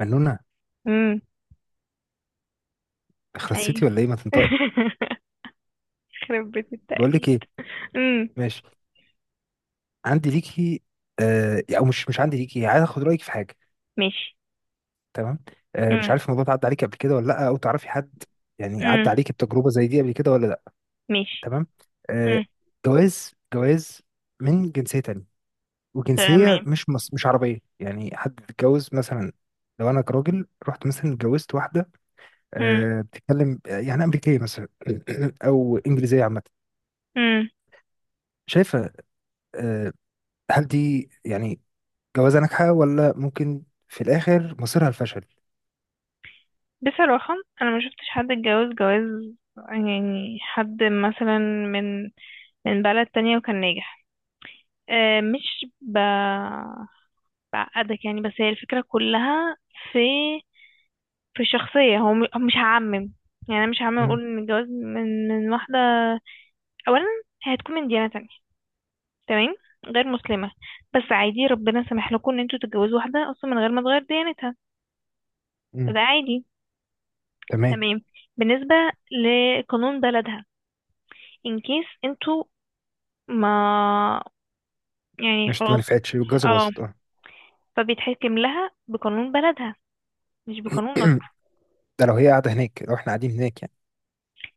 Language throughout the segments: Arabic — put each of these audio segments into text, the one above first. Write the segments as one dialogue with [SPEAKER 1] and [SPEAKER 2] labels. [SPEAKER 1] منونة.
[SPEAKER 2] امم.
[SPEAKER 1] تخرب
[SPEAKER 2] اي.
[SPEAKER 1] سيتي ولا ايه؟ ما تنطقي.
[SPEAKER 2] خرب بيت
[SPEAKER 1] بقول
[SPEAKER 2] التقليد.
[SPEAKER 1] لك ايه.
[SPEAKER 2] امم.
[SPEAKER 1] ماشي. عندي ليكي. آه او مش عندي ليكي، عايز اخد رايك في حاجه.
[SPEAKER 2] ماشي.
[SPEAKER 1] تمام. مش
[SPEAKER 2] امم.
[SPEAKER 1] عارف الموضوع ده عدى عليكي قبل كده ولا لا، او تعرفي حد، يعني
[SPEAKER 2] امم.
[SPEAKER 1] عدى عليكي بتجربه زي دي قبل كده ولا لا.
[SPEAKER 2] ماشي.
[SPEAKER 1] تمام. آه
[SPEAKER 2] امم.
[SPEAKER 1] جواز جواز من جنسيه تانية، وجنسيه
[SPEAKER 2] تمام.
[SPEAKER 1] مش مش عربيه، يعني حد اتجوز مثلا. لو انا كراجل رحت مثلا اتجوزت واحده،
[SPEAKER 2] امم.
[SPEAKER 1] بتتكلم يعني امريكيه مثلا او انجليزيه عامه.
[SPEAKER 2] امم.
[SPEAKER 1] شايفه؟ آه هل دي يعني جواز ناجحة ولا ممكن في الآخر مصيرها الفشل؟
[SPEAKER 2] بصراحة، انا ما شفتش حد اتجوز جواز، يعني حد مثلا من من بلد تانية وكان ناجح. أه، مش بعقدك يعني، بس هي الفكرة كلها في في الشخصية. هو مش هعمم، يعني انا مش هعمم
[SPEAKER 1] مم.
[SPEAKER 2] اقول ان الجواز من واحدة. اولا، هي هتكون من ديانة، تمام، غير مسلمة. بس عادي، ربنا سمح لكم ان انتوا تتجوزوا واحدة اصلا من غير ما تغير ديانتها،
[SPEAKER 1] مم.
[SPEAKER 2] فده عادي.
[SPEAKER 1] تمام.
[SPEAKER 2] تمام. بالنسبة لقانون بلدها، ان كيس انتوا، ما يعني
[SPEAKER 1] مش ما
[SPEAKER 2] خلاص.
[SPEAKER 1] نفعتش والجوازة
[SPEAKER 2] اه،
[SPEAKER 1] باظت، اه.
[SPEAKER 2] فبيتحكم لها بقانون بلدها، مش بقانونك.
[SPEAKER 1] ده لو هي قاعدة هناك، لو احنا قاعدين هناك يعني،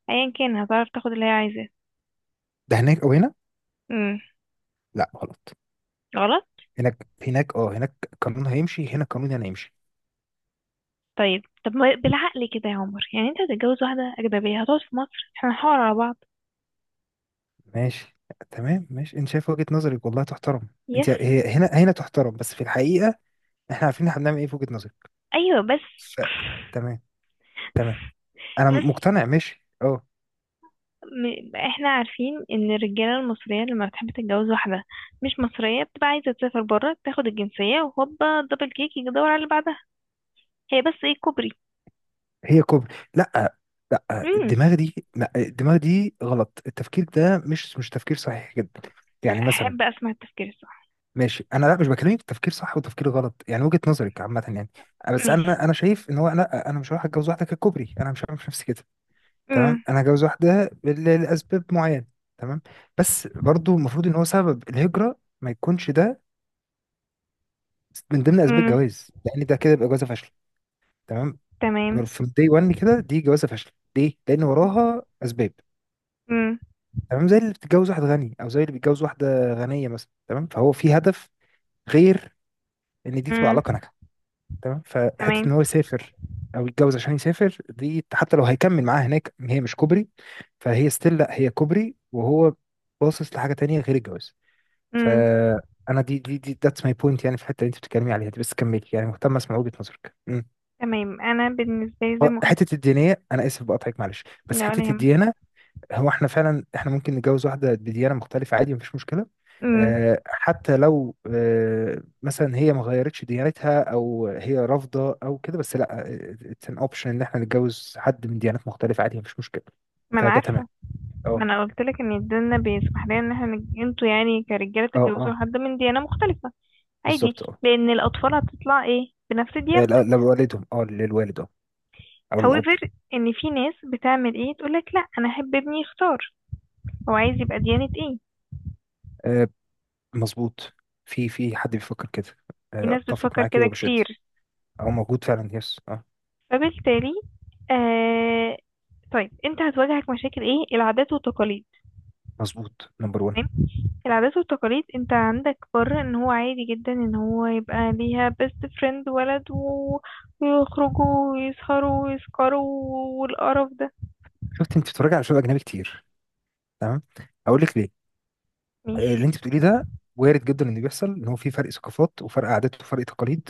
[SPEAKER 2] ايا كان هتعرف تاخد اللي هي عايزاه.
[SPEAKER 1] ده هناك أو هنا.
[SPEAKER 2] امم.
[SPEAKER 1] لا غلط.
[SPEAKER 2] غلط.
[SPEAKER 1] هناك هناك، اه، هناك القانون هيمشي، هنا القانون هنا هيمشي.
[SPEAKER 2] طيب طب ما بالعقل كده يا عمر؟ يعني انت هتتجوز واحدة أجنبية هتقعد في مصر، احنا هنحاور على بعض.
[SPEAKER 1] ماشي. تمام، ماشي. انت شايف وجهة نظرك والله تحترم.
[SPEAKER 2] يس.
[SPEAKER 1] انت هي هنا هنا تحترم، بس في الحقيقة احنا عارفين احنا بنعمل ايه في وجهة نظرك.
[SPEAKER 2] ايوه، بس.
[SPEAKER 1] ف... تمام. تمام. انا
[SPEAKER 2] بس
[SPEAKER 1] مقتنع، ماشي اه.
[SPEAKER 2] احنا عارفين ان الرجاله المصريه لما بتحب تتجوز واحده مش مصريه، بتبقى عايزه تسافر بره تاخد الجنسيه وهوبا دبل كيك، يجي يدور على اللي بعدها. هي بس ايه، كوبري.
[SPEAKER 1] هي كوبري. لا. لا
[SPEAKER 2] امم.
[SPEAKER 1] الدماغ دي غلط، التفكير ده مش تفكير صحيح جدا. يعني مثلا.
[SPEAKER 2] احب اسمع التفكير الصح.
[SPEAKER 1] ماشي، انا لا مش بكلمك في تفكير صح وتفكير غلط، يعني وجهة نظرك عامة يعني. بس
[SPEAKER 2] ماشي.
[SPEAKER 1] انا شايف ان هو لا، انا مش هروح اتجوز واحدة ككوبري، انا مش هعمل نفسي كده. تمام.
[SPEAKER 2] امم.
[SPEAKER 1] انا هتجوز واحدة لاسباب معينة. تمام. بس برضو المفروض ان هو سبب الهجرة ما يكونش ده من ضمن اسباب
[SPEAKER 2] امم.
[SPEAKER 1] الجواز، لان ده كده يبقى جوازة فاشلة. تمام.
[SPEAKER 2] تمام.
[SPEAKER 1] من، دي 1 كده، دي جوازة فاشلة ليه؟ لان وراها اسباب.
[SPEAKER 2] امم.
[SPEAKER 1] تمام. زي اللي بتتجوز واحد غني، او زي اللي بيتجوز واحده غنيه مثلا، تمام، فهو في هدف غير ان دي تبقى علاقه
[SPEAKER 2] امم.
[SPEAKER 1] ناجحه. تمام. فحته
[SPEAKER 2] تمام.
[SPEAKER 1] ان هو يسافر او يتجوز عشان يسافر، دي حتى لو هيكمل معاها هناك، هي مش كوبري. فهي ستيل، لا هي كوبري وهو باصص لحاجه تانية غير الجواز.
[SPEAKER 2] امم.
[SPEAKER 1] فانا دي ذاتس ماي بوينت، يعني في الحته اللي انت بتتكلمي عليها دي، بس كملي، يعني مهتم اسمع وجهه نظرك. مم.
[SPEAKER 2] تمام. انا بالنسبه لي زي ما قلت.
[SPEAKER 1] حته الدينيه، انا اسف بقطعك، معلش، بس
[SPEAKER 2] لا، ولا
[SPEAKER 1] حته
[SPEAKER 2] يهمك.
[SPEAKER 1] الديانه. هو احنا فعلا احنا ممكن نتجوز واحدة بديانة مختلفة، عادي مفيش مشكلة.
[SPEAKER 2] امم.
[SPEAKER 1] حتى لو مثلا هي ما غيرتش ديانتها، او هي رافضة او كده، بس لا، اتس ان اوبشن ان احنا نتجوز حد من ديانات مختلفة، عادي مفيش مشكلة.
[SPEAKER 2] ما انا
[SPEAKER 1] فده تمام.
[SPEAKER 2] عارفه،
[SPEAKER 1] اه،
[SPEAKER 2] ما انا قلت لك ان الدنيا بيسمح لنا ان احنا انتوا يعني كرجاله
[SPEAKER 1] اه،
[SPEAKER 2] تتجوزوا
[SPEAKER 1] اه،
[SPEAKER 2] حد من ديانه مختلفه، عادي.
[SPEAKER 1] بالظبط اه.
[SPEAKER 2] لان الاطفال هتطلع ايه بنفس ديانتك.
[SPEAKER 1] لو والدهم اه، للوالد اه، او للاب.
[SPEAKER 2] However، ان في ناس بتعمل ايه، تقولك لا انا احب ابني يختار هو عايز يبقى ديانة ايه.
[SPEAKER 1] آه، مظبوط. في في حد بيفكر كده.
[SPEAKER 2] في ناس
[SPEAKER 1] اتفق
[SPEAKER 2] بتفكر
[SPEAKER 1] معاك
[SPEAKER 2] كده
[SPEAKER 1] وبشد،
[SPEAKER 2] كتير.
[SPEAKER 1] او موجود فعلا، يس اه.
[SPEAKER 2] فبالتالي آه، طيب انت هتواجهك مشاكل ايه، العادات والتقاليد.
[SPEAKER 1] مظبوط، نمبر 1.
[SPEAKER 2] تمام. العادات والتقاليد انت عندك بره، ان هو عادي جدا ان هو يبقى ليها بيست فريند ولد ويخرجوا ويسهروا ويسكروا والقرف ده.
[SPEAKER 1] شفت، انت بتتفرج على شغل اجنبي كتير. تمام. اقول لك ليه.
[SPEAKER 2] ماشي.
[SPEAKER 1] اللي انت بتقوليه ده وارد جدا انه يحصل، ان هو في فرق ثقافات وفرق عادات وفرق تقاليد.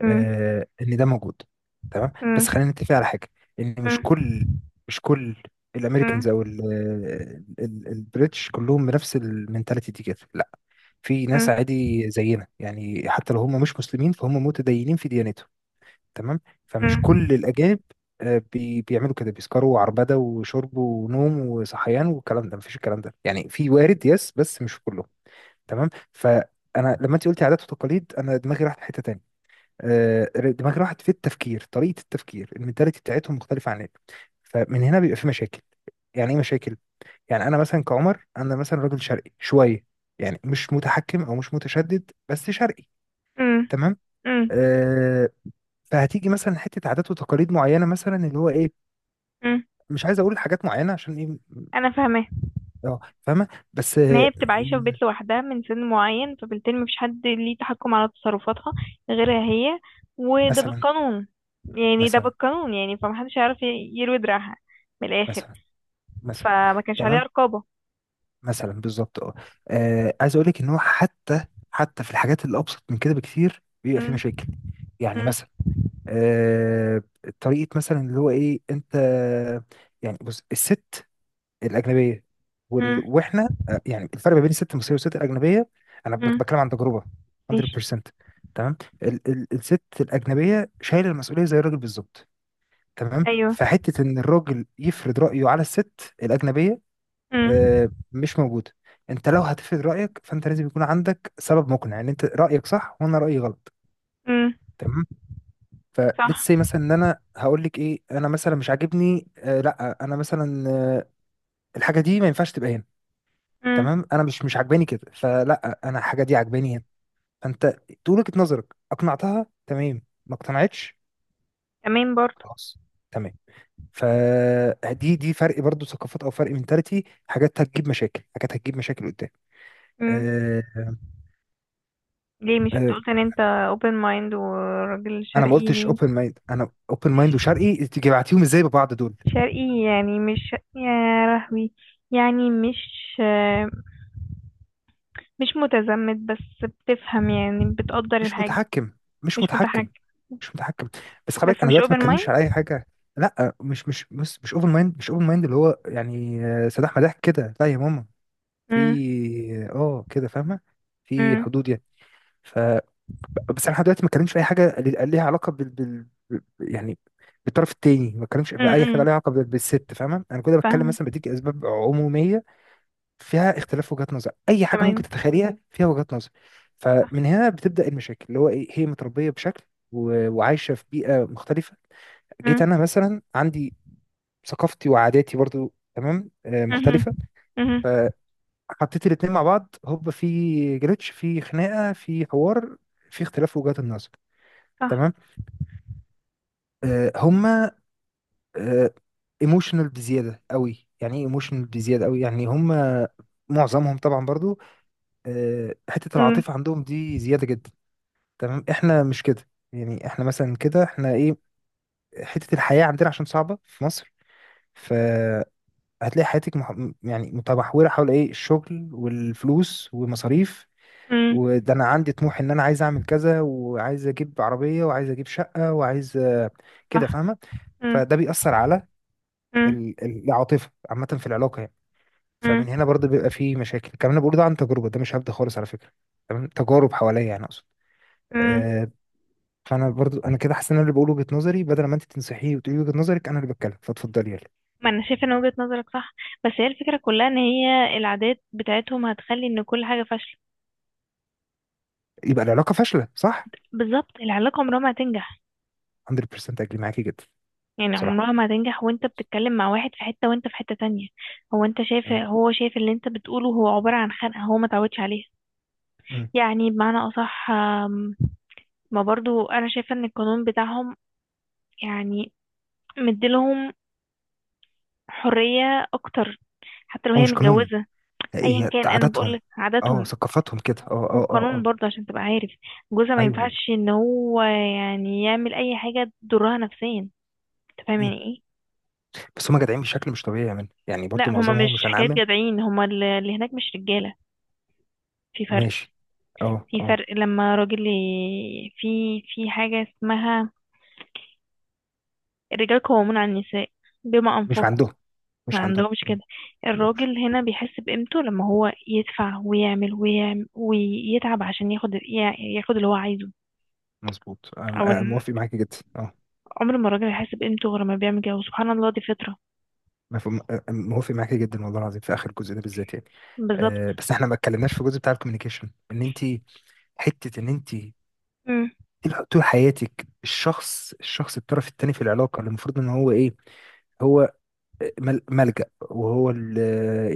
[SPEAKER 2] مم،
[SPEAKER 1] ان ده موجود. تمام،
[SPEAKER 2] مم،
[SPEAKER 1] بس خلينا نتفق على حاجه، ان
[SPEAKER 2] مم،
[SPEAKER 1] مش كل
[SPEAKER 2] مم،
[SPEAKER 1] الامريكانز او البريتش كلهم بنفس المنتاليتي دي كده، لا. في ناس
[SPEAKER 2] مم،
[SPEAKER 1] عادي زينا، يعني حتى لو هم مش مسلمين، فهم متدينين في ديانتهم. تمام. فمش كل الاجانب بيعملوا كده، بيسكروا عربده وشرب ونوم وصحيان والكلام ده، مفيش الكلام ده يعني، في وارد يس بس مش كله. تمام. فانا لما انت قلتي عادات وتقاليد، انا دماغي راحت في حته تاني. آه، دماغي راحت في التفكير، طريقه التفكير المنتاليتي بتاعتهم مختلفه عننا. فمن هنا بيبقى في مشاكل. يعني ايه مشاكل؟ يعني انا مثلا كعمر، انا مثلا راجل شرقي شويه، يعني مش متحكم او مش متشدد، بس شرقي.
[SPEAKER 2] مم،
[SPEAKER 1] تمام.
[SPEAKER 2] مم،
[SPEAKER 1] آه. فهتيجي مثلا حته عادات وتقاليد معينه، مثلا اللي هو ايه.
[SPEAKER 2] مم.
[SPEAKER 1] مش عايز اقول حاجات معينه عشان ايه.
[SPEAKER 2] انا فاهمه.
[SPEAKER 1] اه فاهمه. بس
[SPEAKER 2] ان
[SPEAKER 1] آه.
[SPEAKER 2] هي بتبقى عايشة في بيت لوحدها من سن معين، فبالتالي مفيش حد ليه تحكم على تصرفاتها غيرها هي، وده
[SPEAKER 1] مثلا
[SPEAKER 2] بالقانون. يعني ده
[SPEAKER 1] مثلا
[SPEAKER 2] بالقانون، يعني فمحدش هيعرف يروي دراعها من الآخر.
[SPEAKER 1] مثلا مثلا.
[SPEAKER 2] فما كانش عليها
[SPEAKER 1] تمام.
[SPEAKER 2] رقابة.
[SPEAKER 1] مثلا بالظبط اه. عايز اقول لك ان هو حتى، حتى في الحاجات اللي ابسط من كده بكتير بيبقى في
[SPEAKER 2] مم،
[SPEAKER 1] مشاكل. يعني
[SPEAKER 2] مم،
[SPEAKER 1] مثلا، آه، طريقه مثلا اللي هو ايه انت. يعني بص، الست الاجنبيه
[SPEAKER 2] مم،
[SPEAKER 1] واحنا يعني الفرق ما بين الست المصريه والست الاجنبيه. انا
[SPEAKER 2] مم.
[SPEAKER 1] بتكلم عن تجربه،
[SPEAKER 2] ماشي.
[SPEAKER 1] 100%. تمام. الست الاجنبيه شايله المسؤوليه زي الراجل بالظبط. تمام.
[SPEAKER 2] أيوه.
[SPEAKER 1] فحته ان الراجل يفرض رايه على الست الاجنبيه
[SPEAKER 2] مم،
[SPEAKER 1] مش موجودة. انت لو هتفرض رأيك، فانت لازم يكون عندك سبب مقنع ان انت رأيك صح وانا رأيي غلط.
[SPEAKER 2] مم.
[SPEAKER 1] تمام.
[SPEAKER 2] صح.
[SPEAKER 1] فليتس سي مثلا، ان انا هقول لك ايه، انا مثلا مش عاجبني، لا انا مثلا، الحاجة دي ما ينفعش تبقى هنا.
[SPEAKER 2] مم.
[SPEAKER 1] تمام. انا مش عاجباني كده، فلا انا الحاجة دي عاجباني هنا. فانت تقول وجهة نظرك، اقنعتها تمام، ما اقتنعتش
[SPEAKER 2] تمام برضه.
[SPEAKER 1] خلاص. تمام. فدي، دي فرق برضو ثقافات او فرق منتاليتي، حاجات هتجيب مشاكل، حاجات هتجيب مشاكل قدام.
[SPEAKER 2] مم.
[SPEAKER 1] آه،
[SPEAKER 2] ليه مش انت
[SPEAKER 1] آه،
[SPEAKER 2] قلت ان انت open mind وراجل
[SPEAKER 1] انا ما قلتش
[SPEAKER 2] شرقي؟
[SPEAKER 1] اوبن مايند، انا اوبن مايند وشرقي، تيجي بعتيهم ازاي ببعض دول.
[SPEAKER 2] شرقي يعني مش يا لهوي، يعني مش متزمت، بس بتفهم يعني بتقدر
[SPEAKER 1] مش
[SPEAKER 2] الحاجة.
[SPEAKER 1] متحكم، مش
[SPEAKER 2] مش
[SPEAKER 1] متحكم،
[SPEAKER 2] متحكم.
[SPEAKER 1] مش متحكم. بس خلي بالك
[SPEAKER 2] بس
[SPEAKER 1] انا
[SPEAKER 2] مش
[SPEAKER 1] دلوقتي ما
[SPEAKER 2] open
[SPEAKER 1] اتكلمش على
[SPEAKER 2] mind.
[SPEAKER 1] اي حاجه. لا مش اوبن مايند، مش اوبن مايند اللي هو يعني سداح مداح كده لا يا ماما.
[SPEAKER 2] امم.
[SPEAKER 1] في اه كده فاهمه. في
[SPEAKER 2] امم.
[SPEAKER 1] حدود يعني. ف بس انا لحد دلوقتي ما اتكلمش في اي حاجه اللي- ليها علاقه يعني بالطرف التاني، ما اتكلمش في اي حاجه
[SPEAKER 2] امم.
[SPEAKER 1] ليها علاقه بالست، فاهمه، انا كده بتكلم
[SPEAKER 2] فاهم.
[SPEAKER 1] مثلا بديك اسباب عموميه فيها اختلاف وجهات نظر، اي حاجه ممكن
[SPEAKER 2] تمام.
[SPEAKER 1] تتخيليها فيها وجهات نظر.
[SPEAKER 2] صح.
[SPEAKER 1] فمن هنا بتبدا المشاكل اللي هو ايه، هي متربيه بشكل وعايشه في بيئه مختلفه. جيت
[SPEAKER 2] امم.
[SPEAKER 1] انا مثلا عندي ثقافتي وعاداتي برضو، تمام،
[SPEAKER 2] امم.
[SPEAKER 1] مختلفه.
[SPEAKER 2] امم.
[SPEAKER 1] فحطيت الاتنين مع بعض، هوب، في جليتش، في خناقه، في حوار، في اختلاف وجهات النظر.
[SPEAKER 2] صح.
[SPEAKER 1] تمام. هما ايموشنال بزياده قوي، يعني ايه ايموشنال بزياده قوي، يعني هما معظمهم طبعا برضو حته
[SPEAKER 2] امم.
[SPEAKER 1] العاطفه عندهم دي زياده جدا. تمام. احنا مش كده يعني، احنا مثلا كده احنا ايه، حتة الحياة عندنا عشان صعبة في مصر، فهتلاقي حياتك يعني متمحورة حول ايه، الشغل والفلوس ومصاريف،
[SPEAKER 2] امم.
[SPEAKER 1] وده انا عندي طموح ان انا عايز اعمل كذا وعايز اجيب عربية وعايز اجيب شقة وعايز، كده
[SPEAKER 2] صح.
[SPEAKER 1] فاهمة.
[SPEAKER 2] امم.
[SPEAKER 1] فده بيأثر على
[SPEAKER 2] امم.
[SPEAKER 1] العاطفة عامة في العلاقة يعني.
[SPEAKER 2] امم.
[SPEAKER 1] فمن هنا برضه بيبقى فيه مشاكل. الكلام اللي أنا بقوله ده عن تجربة، ده مش هبدأ خالص على فكرة. تمام. تجارب حواليا يعني اقصد.
[SPEAKER 2] امم.
[SPEAKER 1] آه، فانا برضو انا كده حاسس ان انا اللي بقول وجهه نظري، بدل ما انت تنصحيه وتقولي وجهه نظرك، انا اللي بتكلم، فاتفضلي يلا.
[SPEAKER 2] ما انا شايفه ان وجهة نظرك صح، بس هي الفكره كلها ان هي العادات بتاعتهم هتخلي ان كل حاجه فاشله.
[SPEAKER 1] يبقى العلاقه فاشله، صح،
[SPEAKER 2] بالظبط، العلاقه عمرها ما هتنجح.
[SPEAKER 1] 100%. اجري معاكي جدا.
[SPEAKER 2] يعني
[SPEAKER 1] بصراحه.
[SPEAKER 2] عمرها ما هتنجح، وانت بتتكلم مع واحد في حته وانت في حته تانية. هو انت شايف،
[SPEAKER 1] تمام.
[SPEAKER 2] هو شايف اللي انت بتقوله هو عباره عن خنقه هو ما تعودش عليها.
[SPEAKER 1] مم.
[SPEAKER 2] يعني بمعنى أصح، ما برضو أنا شايفة إن القانون بتاعهم، يعني مديلهم حرية أكتر حتى لو
[SPEAKER 1] هو
[SPEAKER 2] هي
[SPEAKER 1] مش قانون،
[SPEAKER 2] متجوزة. أيا
[SPEAKER 1] هي
[SPEAKER 2] كان، أنا
[SPEAKER 1] عاداتهم.
[SPEAKER 2] بقولك
[SPEAKER 1] اه
[SPEAKER 2] عاداتهم.
[SPEAKER 1] ثقافتهم كده، اه اه اه
[SPEAKER 2] والقانون
[SPEAKER 1] اه.
[SPEAKER 2] برضه عشان تبقى عارف، جوزها ما
[SPEAKER 1] ايوه.
[SPEAKER 2] ينفعش إن هو يعني يعمل أي حاجة تضرها نفسيا. أنت فاهم
[SPEAKER 1] مم.
[SPEAKER 2] يعني إيه؟
[SPEAKER 1] بس هم جدعين بشكل مش طبيعي يا من، يعني
[SPEAKER 2] لا،
[SPEAKER 1] برضو
[SPEAKER 2] هما مش
[SPEAKER 1] معظمهم، مش
[SPEAKER 2] حكاية
[SPEAKER 1] هنعمم.
[SPEAKER 2] جدعين، هما اللي هناك مش رجالة. في فرق.
[SPEAKER 1] ماشي. اه
[SPEAKER 2] في
[SPEAKER 1] اه.
[SPEAKER 2] فرق لما راجل في حاجة اسمها الرجال قوامون على النساء بما
[SPEAKER 1] مش
[SPEAKER 2] أنفقوا.
[SPEAKER 1] عندهم،
[SPEAKER 2] ما عندهمش
[SPEAKER 1] مم. ما
[SPEAKER 2] كده.
[SPEAKER 1] عندهمش.
[SPEAKER 2] الراجل هنا بيحس بقيمته لما هو يدفع ويعمل ويعمل ويتعب عشان ياخد ياخد اللي هو عايزه.
[SPEAKER 1] مظبوط.
[SPEAKER 2] او ان
[SPEAKER 1] موافق معاكي جدا اه.
[SPEAKER 2] عمر ما الراجل هيحس بقيمته غير لما بيعمل كده، وسبحان الله دي فطرة.
[SPEAKER 1] مفهوم. موافق معاكي جدا والله العظيم في اخر الجزء ده بالذات يعني.
[SPEAKER 2] بالظبط.
[SPEAKER 1] أه بس احنا ما اتكلمناش في الجزء بتاع الكوميونيكيشن، ان انت، حته ان انت
[SPEAKER 2] مم.
[SPEAKER 1] طول حياتك الشخص، الطرف الثاني في العلاقه اللي المفروض ان هو ايه، هو ملجأ، وهو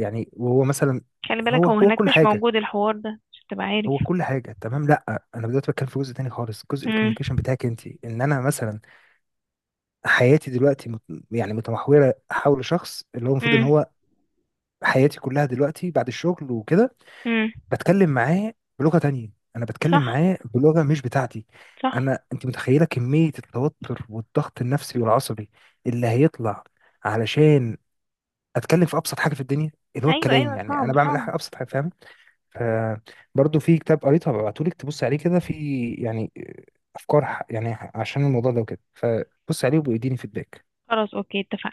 [SPEAKER 1] يعني وهو مثلا
[SPEAKER 2] خلي بالك
[SPEAKER 1] هو
[SPEAKER 2] هو
[SPEAKER 1] هو
[SPEAKER 2] هناك
[SPEAKER 1] كل
[SPEAKER 2] مش
[SPEAKER 1] حاجه.
[SPEAKER 2] موجود الحوار ده عشان تبقى عارف.
[SPEAKER 1] هو كل حاجه، تمام. لا انا دلوقتي بتكلم في جزء تاني خالص، جزء
[SPEAKER 2] مم.
[SPEAKER 1] الكوميونيكيشن بتاعك انت، ان انا مثلا حياتي دلوقتي يعني متمحوره حول شخص اللي هو المفروض ان
[SPEAKER 2] مم.
[SPEAKER 1] هو حياتي كلها دلوقتي بعد الشغل وكده،
[SPEAKER 2] مم.
[SPEAKER 1] بتكلم معاه بلغه تانية، انا بتكلم
[SPEAKER 2] صح،
[SPEAKER 1] معاه بلغه مش بتاعتي.
[SPEAKER 2] صح.
[SPEAKER 1] انا انت متخيله كميه التوتر والضغط النفسي والعصبي اللي هيطلع علشان اتكلم في ابسط حاجه في الدنيا، اللي هو
[SPEAKER 2] ايوه،
[SPEAKER 1] الكلام
[SPEAKER 2] ايوه.
[SPEAKER 1] يعني. انا
[SPEAKER 2] صعب،
[SPEAKER 1] بعمل
[SPEAKER 2] صعب.
[SPEAKER 1] حاجه، ابسط حاجه، فاهم. فبرضه في كتاب قريته هبعتهولك تبص عليه كده، في يعني افكار يعني عشان الموضوع ده وكده، فبص عليه وبيديني فيدباك.
[SPEAKER 2] خلاص، اوكي، اتفقنا.